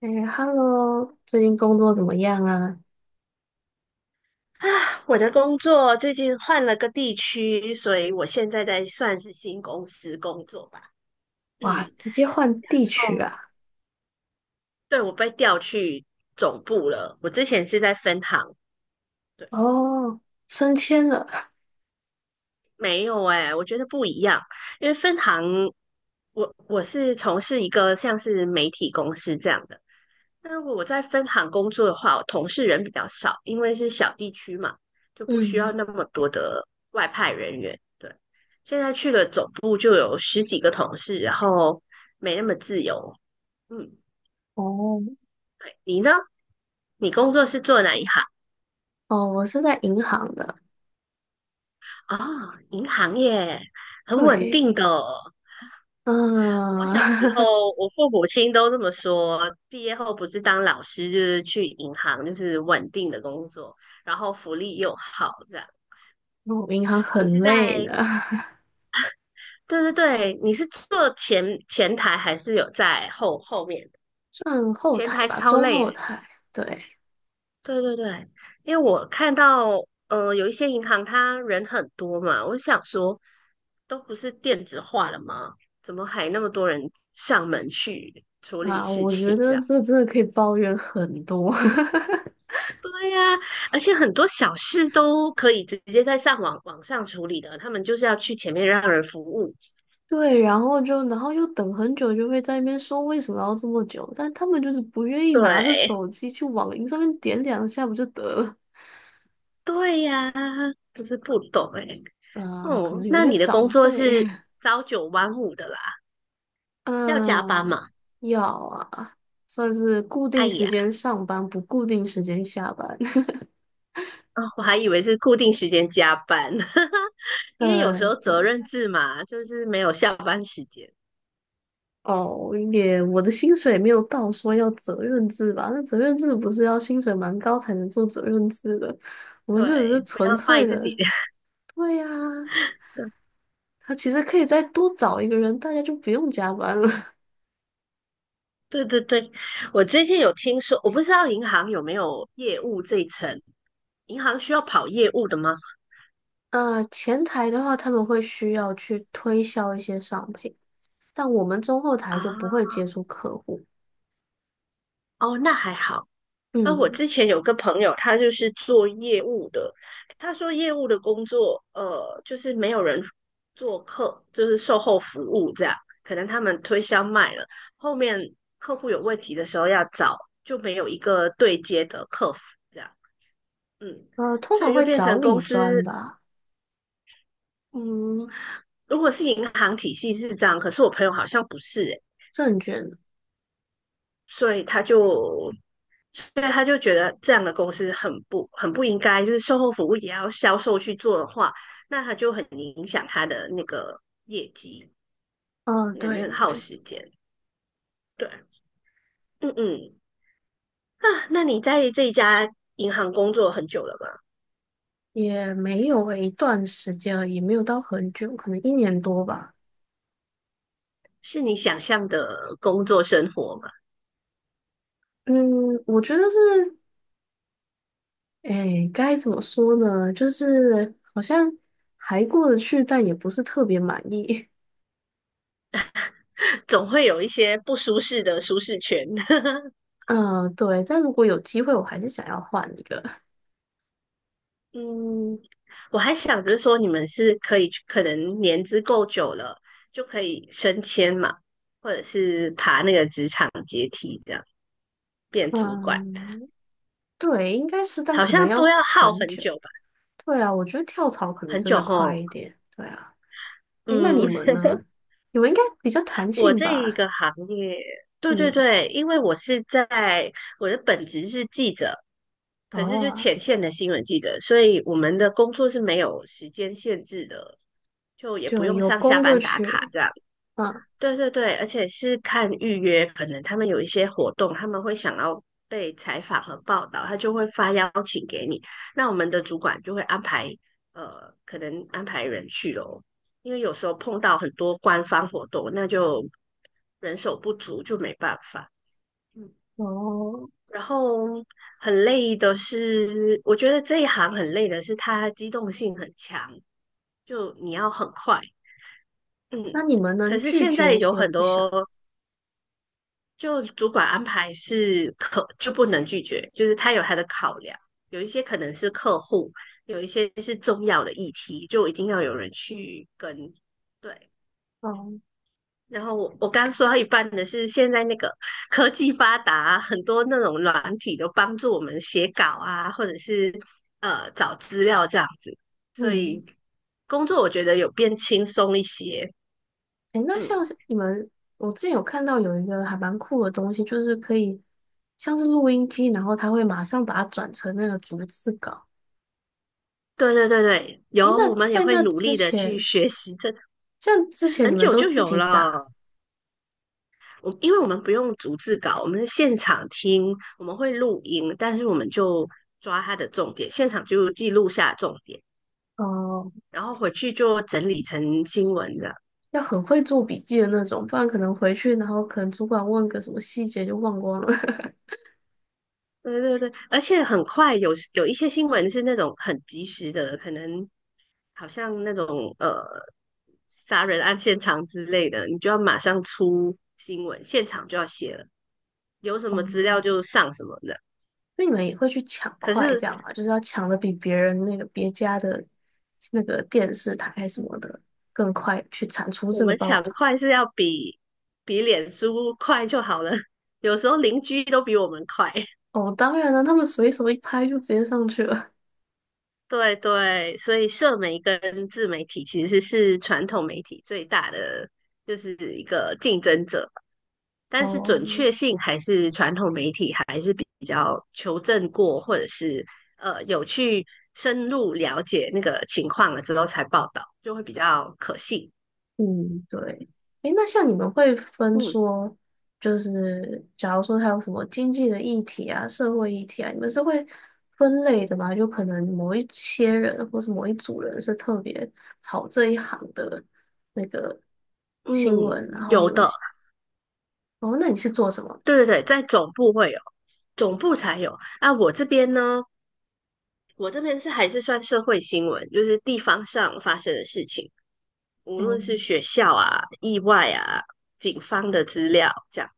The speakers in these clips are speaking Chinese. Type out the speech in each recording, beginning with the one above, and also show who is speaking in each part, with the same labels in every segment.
Speaker 1: 哎，Hello，最近工作怎么样啊？
Speaker 2: 啊，我的工作最近换了个地区，所以我现在在算是新公司工作吧。嗯，
Speaker 1: 哇，直接换
Speaker 2: 然
Speaker 1: 地
Speaker 2: 后
Speaker 1: 区啊！
Speaker 2: 对，我被调去总部了。我之前是在分行，对，
Speaker 1: 哦，升迁了。
Speaker 2: 没有哎、我觉得不一样，因为分行，我是从事一个像是媒体公司这样的。那如果我在分行工作的话，我同事人比较少，因为是小地区嘛，就不需要
Speaker 1: 嗯，
Speaker 2: 那么多的外派人员。对，现在去了总部就有十几个同事，然后没那么自由。嗯，
Speaker 1: 哦，
Speaker 2: 你呢？你工作是做哪一行？
Speaker 1: 哦，我是在银行的。
Speaker 2: 哦，银行业，很稳
Speaker 1: 对，
Speaker 2: 定的哦。我
Speaker 1: 嗯，
Speaker 2: 小时 候，我父母亲都这么说，毕业后不是当老师，就是去银行，就是稳定的工作，然后福利又好，这样。
Speaker 1: 我银行
Speaker 2: 你
Speaker 1: 很
Speaker 2: 是
Speaker 1: 累
Speaker 2: 在
Speaker 1: 的，
Speaker 2: 对对对，你是坐前台还是有在后面？
Speaker 1: 算后
Speaker 2: 前
Speaker 1: 台
Speaker 2: 台
Speaker 1: 吧，
Speaker 2: 超
Speaker 1: 中
Speaker 2: 累欸，
Speaker 1: 后台。对，
Speaker 2: 对对对，因为我看到，有一些银行它人很多嘛，我想说，都不是电子化了吗？怎么还那么多人上门去处理
Speaker 1: 啊，
Speaker 2: 事
Speaker 1: 我觉
Speaker 2: 情这
Speaker 1: 得
Speaker 2: 样？
Speaker 1: 这真的可以抱怨很多。
Speaker 2: 对呀，而且很多小事都可以直接在网上处理的，他们就是要去前面让人服务。
Speaker 1: 对，然后就，然后又等很久，就会在那边说为什么要这么久，但他们就是不愿意拿着
Speaker 2: 对，
Speaker 1: 手机去网银上面点两下不就得了。
Speaker 2: 对呀，就是不懂哎。
Speaker 1: 啊，可
Speaker 2: 哦，
Speaker 1: 能有一
Speaker 2: 那
Speaker 1: 些
Speaker 2: 你的工
Speaker 1: 长
Speaker 2: 作
Speaker 1: 辈，
Speaker 2: 是 朝九晚五的啦，是要加班
Speaker 1: 嗯，
Speaker 2: 嘛？
Speaker 1: 要啊，算是固
Speaker 2: 哎
Speaker 1: 定时
Speaker 2: 呀，
Speaker 1: 间上班，不固定时间下班。
Speaker 2: 哦我还以为是固定时间加班。因为有时
Speaker 1: 嗯，
Speaker 2: 候责
Speaker 1: 对，
Speaker 2: 任制嘛，就是没有下班时间。
Speaker 1: 哦，也我的薪水没有到说要责任制吧？那责任制不是要薪水蛮高才能做责任制的，我们就只是
Speaker 2: 对，不
Speaker 1: 纯
Speaker 2: 要卖
Speaker 1: 粹
Speaker 2: 自己。
Speaker 1: 的，对呀、他其实可以再多找一个人，大家就不用加班了。
Speaker 2: 对对对，我最近有听说，我不知道银行有没有业务这一层，银行需要跑业务的吗？
Speaker 1: 啊，前台的话，他们会需要去推销一些商品。但我们中后台就不
Speaker 2: 啊，
Speaker 1: 会接触客户，
Speaker 2: 哦，那还好。啊，我
Speaker 1: 嗯，
Speaker 2: 之前有个朋友，他就是做业务的。他说业务的工作，就是没有人做客，就是售后服务这样。可能他们推销卖了，后面客户有问题的时候要找，就没有一个对接的客服这样。嗯，
Speaker 1: 通
Speaker 2: 所
Speaker 1: 常
Speaker 2: 以就
Speaker 1: 会
Speaker 2: 变
Speaker 1: 找
Speaker 2: 成公
Speaker 1: 理专
Speaker 2: 司。
Speaker 1: 吧，
Speaker 2: 嗯，如果是银行体系是这样，可是我朋友好像不是欸。
Speaker 1: 证券，
Speaker 2: 所以他就，所以他就觉得这样的公司很不应该，就是售后服务也要销售去做的话，那他就很影响他的那个业绩，
Speaker 1: 嗯、
Speaker 2: 感觉
Speaker 1: 对
Speaker 2: 很耗
Speaker 1: 对，
Speaker 2: 时间。对，嗯嗯，啊，那你在这一家银行工作很久了吗？
Speaker 1: 也没有诶，一段时间了，也没有到很久，可能一年多吧，
Speaker 2: 是你想象的工作生活吗？
Speaker 1: 嗯，我觉得是，哎，该怎么说呢？就是好像还过得去，但也不是特别满意，
Speaker 2: 总会有一些不舒适的舒适圈。
Speaker 1: 嗯、对，但如果有机会，我还是想要换一个，
Speaker 2: 嗯，我还想着说，你们是可以去可能年资够久了，就可以升迁嘛，或者是爬那个职场阶梯，这样变主管，
Speaker 1: 嗯，对，应该是，但
Speaker 2: 好
Speaker 1: 可能
Speaker 2: 像都
Speaker 1: 要
Speaker 2: 要耗
Speaker 1: 很
Speaker 2: 很
Speaker 1: 久。
Speaker 2: 久吧，
Speaker 1: 对啊，我觉得跳槽可能
Speaker 2: 很
Speaker 1: 真
Speaker 2: 久
Speaker 1: 的快
Speaker 2: 吼。
Speaker 1: 一点。对啊，诶，那你
Speaker 2: 嗯，
Speaker 1: 们呢？你们应该比较弹
Speaker 2: 我
Speaker 1: 性
Speaker 2: 这一
Speaker 1: 吧？
Speaker 2: 个行业，对对
Speaker 1: 嗯，
Speaker 2: 对，因为我是在我的本职是记者，可是就
Speaker 1: 哦，
Speaker 2: 前线的新闻记者，所以我们的工作是没有时间限制的，就也不
Speaker 1: 就
Speaker 2: 用
Speaker 1: 有
Speaker 2: 上下
Speaker 1: 空就
Speaker 2: 班打卡
Speaker 1: 去，
Speaker 2: 这样。
Speaker 1: 嗯，
Speaker 2: 对对对，而且是看预约，可能他们有一些活动，他们会想要被采访和报道，他就会发邀请给你。那我们的主管就会安排，可能安排人去咯，因为有时候碰到很多官方活动，那就人手不足，就没办法。嗯，
Speaker 1: 哦，
Speaker 2: 然后很累的是，我觉得这一行很累的是它机动性很强，就你要很快。
Speaker 1: 那
Speaker 2: 嗯，
Speaker 1: 你们
Speaker 2: 可
Speaker 1: 能
Speaker 2: 是
Speaker 1: 拒
Speaker 2: 现在
Speaker 1: 绝一
Speaker 2: 有
Speaker 1: 些
Speaker 2: 很
Speaker 1: 不
Speaker 2: 多。
Speaker 1: 想，
Speaker 2: 就主管安排是可就不能拒绝，就是他有他的考量，有一些可能是客户，有一些是重要的议题，就一定要有人去跟。对，
Speaker 1: 哦，
Speaker 2: 然后我刚说到一半的是，现在那个科技发达啊，很多那种软体都帮助我们写稿啊，或者是找资料这样子，所
Speaker 1: 嗯，
Speaker 2: 以工作我觉得有变轻松一些。
Speaker 1: 诶，那
Speaker 2: 嗯，
Speaker 1: 像是你们，我之前有看到有一个还蛮酷的东西，就是可以像是录音机，然后它会马上把它转成那个逐字稿。
Speaker 2: 对对对对，有，
Speaker 1: 诶，
Speaker 2: 我
Speaker 1: 那
Speaker 2: 们也
Speaker 1: 在
Speaker 2: 会
Speaker 1: 那
Speaker 2: 努
Speaker 1: 之
Speaker 2: 力的去
Speaker 1: 前，
Speaker 2: 学习这，
Speaker 1: 像之前你
Speaker 2: 很
Speaker 1: 们
Speaker 2: 久
Speaker 1: 都
Speaker 2: 就
Speaker 1: 自
Speaker 2: 有
Speaker 1: 己打。
Speaker 2: 了。我因为我们不用逐字稿，我们是现场听，我们会录音，但是我们就抓它的重点，现场就记录下重点，
Speaker 1: 哦，
Speaker 2: 然后回去就整理成新闻的。
Speaker 1: 要很会做笔记的那种，不然可能回去，然后可能主管问个什么细节就忘光了。
Speaker 2: 对对对，而且很快有一些新闻是那种很及时的，可能好像那种杀人案现场之类的，你就要马上出新闻，现场就要写了，有什么
Speaker 1: 哦，
Speaker 2: 资料就上什么的。
Speaker 1: 那你们也会去抢
Speaker 2: 可
Speaker 1: 快
Speaker 2: 是
Speaker 1: 这样吗？就是要抢的比别人那个别家的那个电视台什么的更快，去产出
Speaker 2: 我
Speaker 1: 这个
Speaker 2: 们
Speaker 1: 报
Speaker 2: 抢
Speaker 1: 道。
Speaker 2: 快是要比脸书快就好了，有时候邻居都比我们快。
Speaker 1: 哦，当然了，他们随手一拍就直接上去了。
Speaker 2: 对对，所以社媒跟自媒体其实是传统媒体最大的就是一个竞争者，但是
Speaker 1: 哦，
Speaker 2: 准确性还是传统媒体还是比较求证过，或者是有去深入了解那个情况了之后才报道，就会比较可信。
Speaker 1: 嗯，对。诶，那像你们会分
Speaker 2: 嗯
Speaker 1: 说，就是假如说他有什么经济的议题啊、社会议题啊，你们是会分类的吗？就可能某一些人或是某一组人是特别好这一行的那个新
Speaker 2: 嗯，
Speaker 1: 闻，然后
Speaker 2: 有
Speaker 1: 有一
Speaker 2: 的，
Speaker 1: 些哦，那你是做什么
Speaker 2: 对对对，在总部会。有。总部才有啊。我这边呢，我这边是还是算社会新闻，就是地方上发生的事情，无
Speaker 1: 的哦
Speaker 2: 论是学校啊、意外啊、警方的资料这样。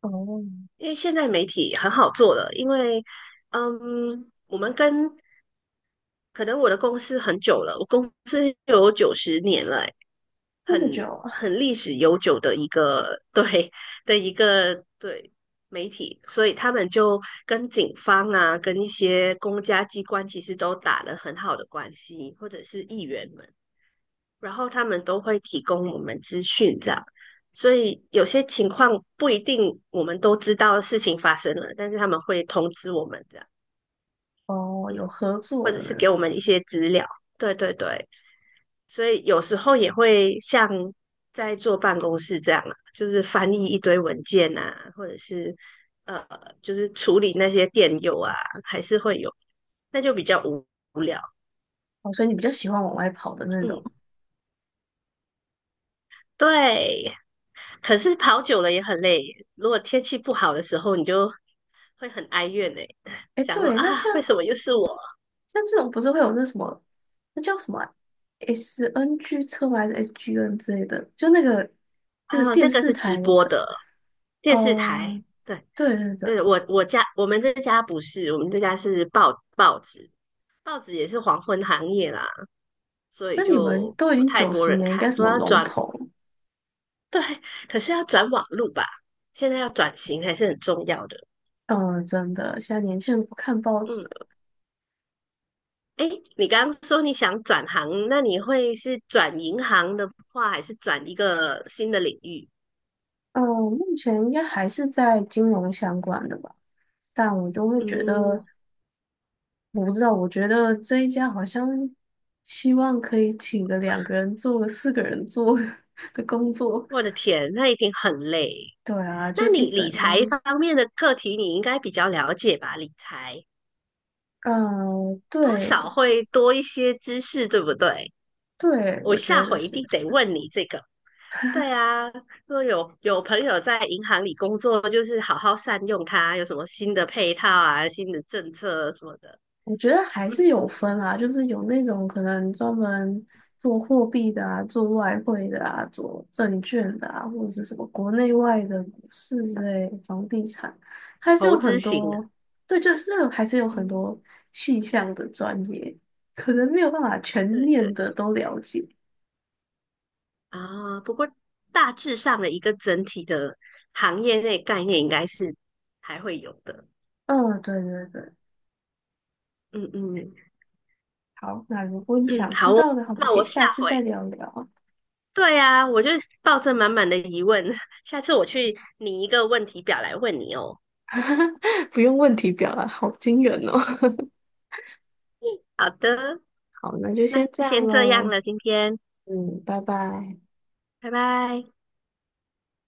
Speaker 1: 哦，
Speaker 2: 因为现在媒体很好做了，因为嗯，我们跟可能我的公司很久了，我公司有90年了、欸，
Speaker 1: 这么久
Speaker 2: 很
Speaker 1: 啊？
Speaker 2: 很历史悠久的一个 对的一个对媒体，所以他们就跟警方啊，跟一些公家机关其实都打了很好的关系，或者是议员们，然后他们都会提供我们资讯这样。所以有些情况不一定我们都知道事情发生了，但是他们会通知我们这样，
Speaker 1: 哦，
Speaker 2: 嗯，
Speaker 1: 有合
Speaker 2: 或
Speaker 1: 作
Speaker 2: 者
Speaker 1: 的
Speaker 2: 是
Speaker 1: 那
Speaker 2: 给
Speaker 1: 种，
Speaker 2: 我们一些资料。对对对，所以有时候也会像在坐办公室这样啊，就是翻译一堆文件啊，或者是呃，就是处理那些电邮啊，还是会有，那就比较无聊。
Speaker 1: 哦，所以你比较喜欢往外跑的那种。
Speaker 2: 嗯，对。可是跑久了也很累，如果天气不好的时候，你就会很哀怨哎、
Speaker 1: 诶，
Speaker 2: 想说
Speaker 1: 对，那像。
Speaker 2: 啊，为什么又是我？
Speaker 1: 像这种不是会有那什么，那叫什么啊？SNG 车吗？还是 SGN 之类的？就那个
Speaker 2: 啊，
Speaker 1: 电
Speaker 2: 那个
Speaker 1: 视
Speaker 2: 是直
Speaker 1: 台的
Speaker 2: 播
Speaker 1: 车。
Speaker 2: 的电视
Speaker 1: 哦，
Speaker 2: 台。对，
Speaker 1: 对对对，
Speaker 2: 对，我我家我们这家不是，我们这家是报纸，报纸也是黄昏行业啦，所以
Speaker 1: 那你们
Speaker 2: 就
Speaker 1: 都已
Speaker 2: 不
Speaker 1: 经
Speaker 2: 太
Speaker 1: 九
Speaker 2: 多
Speaker 1: 十
Speaker 2: 人
Speaker 1: 年，应该
Speaker 2: 看，
Speaker 1: 什
Speaker 2: 都
Speaker 1: 么
Speaker 2: 要
Speaker 1: 龙
Speaker 2: 转，
Speaker 1: 头？
Speaker 2: 对，可是要转网路吧，现在要转型还是很重要的。
Speaker 1: 嗯，真的，现在年轻人不看报纸
Speaker 2: 嗯，
Speaker 1: 了
Speaker 2: 哎，你刚刚说你想转行，那你会是转银行的话，还是转一个新的领域？
Speaker 1: 嗯，目前应该还是在金融相关的吧，但我就会觉
Speaker 2: 嗯，
Speaker 1: 得，我不知道，我觉得这一家好像希望可以请个两个人做，四个人做 的工作。
Speaker 2: 我的天，那一定很累。
Speaker 1: 对啊，
Speaker 2: 那
Speaker 1: 就一
Speaker 2: 你
Speaker 1: 整
Speaker 2: 理财
Speaker 1: 天，
Speaker 2: 方面的课题，你应该比较了解吧？理财
Speaker 1: 嗯、
Speaker 2: 多少
Speaker 1: 对
Speaker 2: 会多一些知识，对不对？
Speaker 1: 对，
Speaker 2: 我
Speaker 1: 我
Speaker 2: 下
Speaker 1: 觉得
Speaker 2: 回一
Speaker 1: 是，
Speaker 2: 定得问你这个。对啊，如果有朋友在银行里工作，就是好好善用它，有什么新的配套啊、新的政策什么的，
Speaker 1: 我觉得还
Speaker 2: 嗯，
Speaker 1: 是有分啊，就是有那种可能专门做货币的啊，做外汇的啊，做证券的啊，或者是什么国内外的股市之类，房地产，还是有
Speaker 2: 投资
Speaker 1: 很
Speaker 2: 型的，
Speaker 1: 多，对，就是这个还是有很
Speaker 2: 嗯，
Speaker 1: 多细项的专业，可能没有办法全
Speaker 2: 对
Speaker 1: 面
Speaker 2: 对
Speaker 1: 的都了解。
Speaker 2: 啊。不过大致上的一个整体的行业内概念应该是还会有的，
Speaker 1: 嗯，对对对，
Speaker 2: 嗯嗯
Speaker 1: 好，那如果你
Speaker 2: 嗯，
Speaker 1: 想
Speaker 2: 好
Speaker 1: 知
Speaker 2: 哦，
Speaker 1: 道的话，我们
Speaker 2: 那
Speaker 1: 可以
Speaker 2: 我下
Speaker 1: 下次
Speaker 2: 回。
Speaker 1: 再聊聊。
Speaker 2: 对啊，我就抱着满满的疑问，下次我去拟一个问题表来问你哦。
Speaker 1: 不用问题表了，好惊人哦。
Speaker 2: 好的，
Speaker 1: 好，那就先
Speaker 2: 那
Speaker 1: 这样
Speaker 2: 先这样
Speaker 1: 喽。
Speaker 2: 了，今天，
Speaker 1: 嗯，拜拜。
Speaker 2: 拜拜。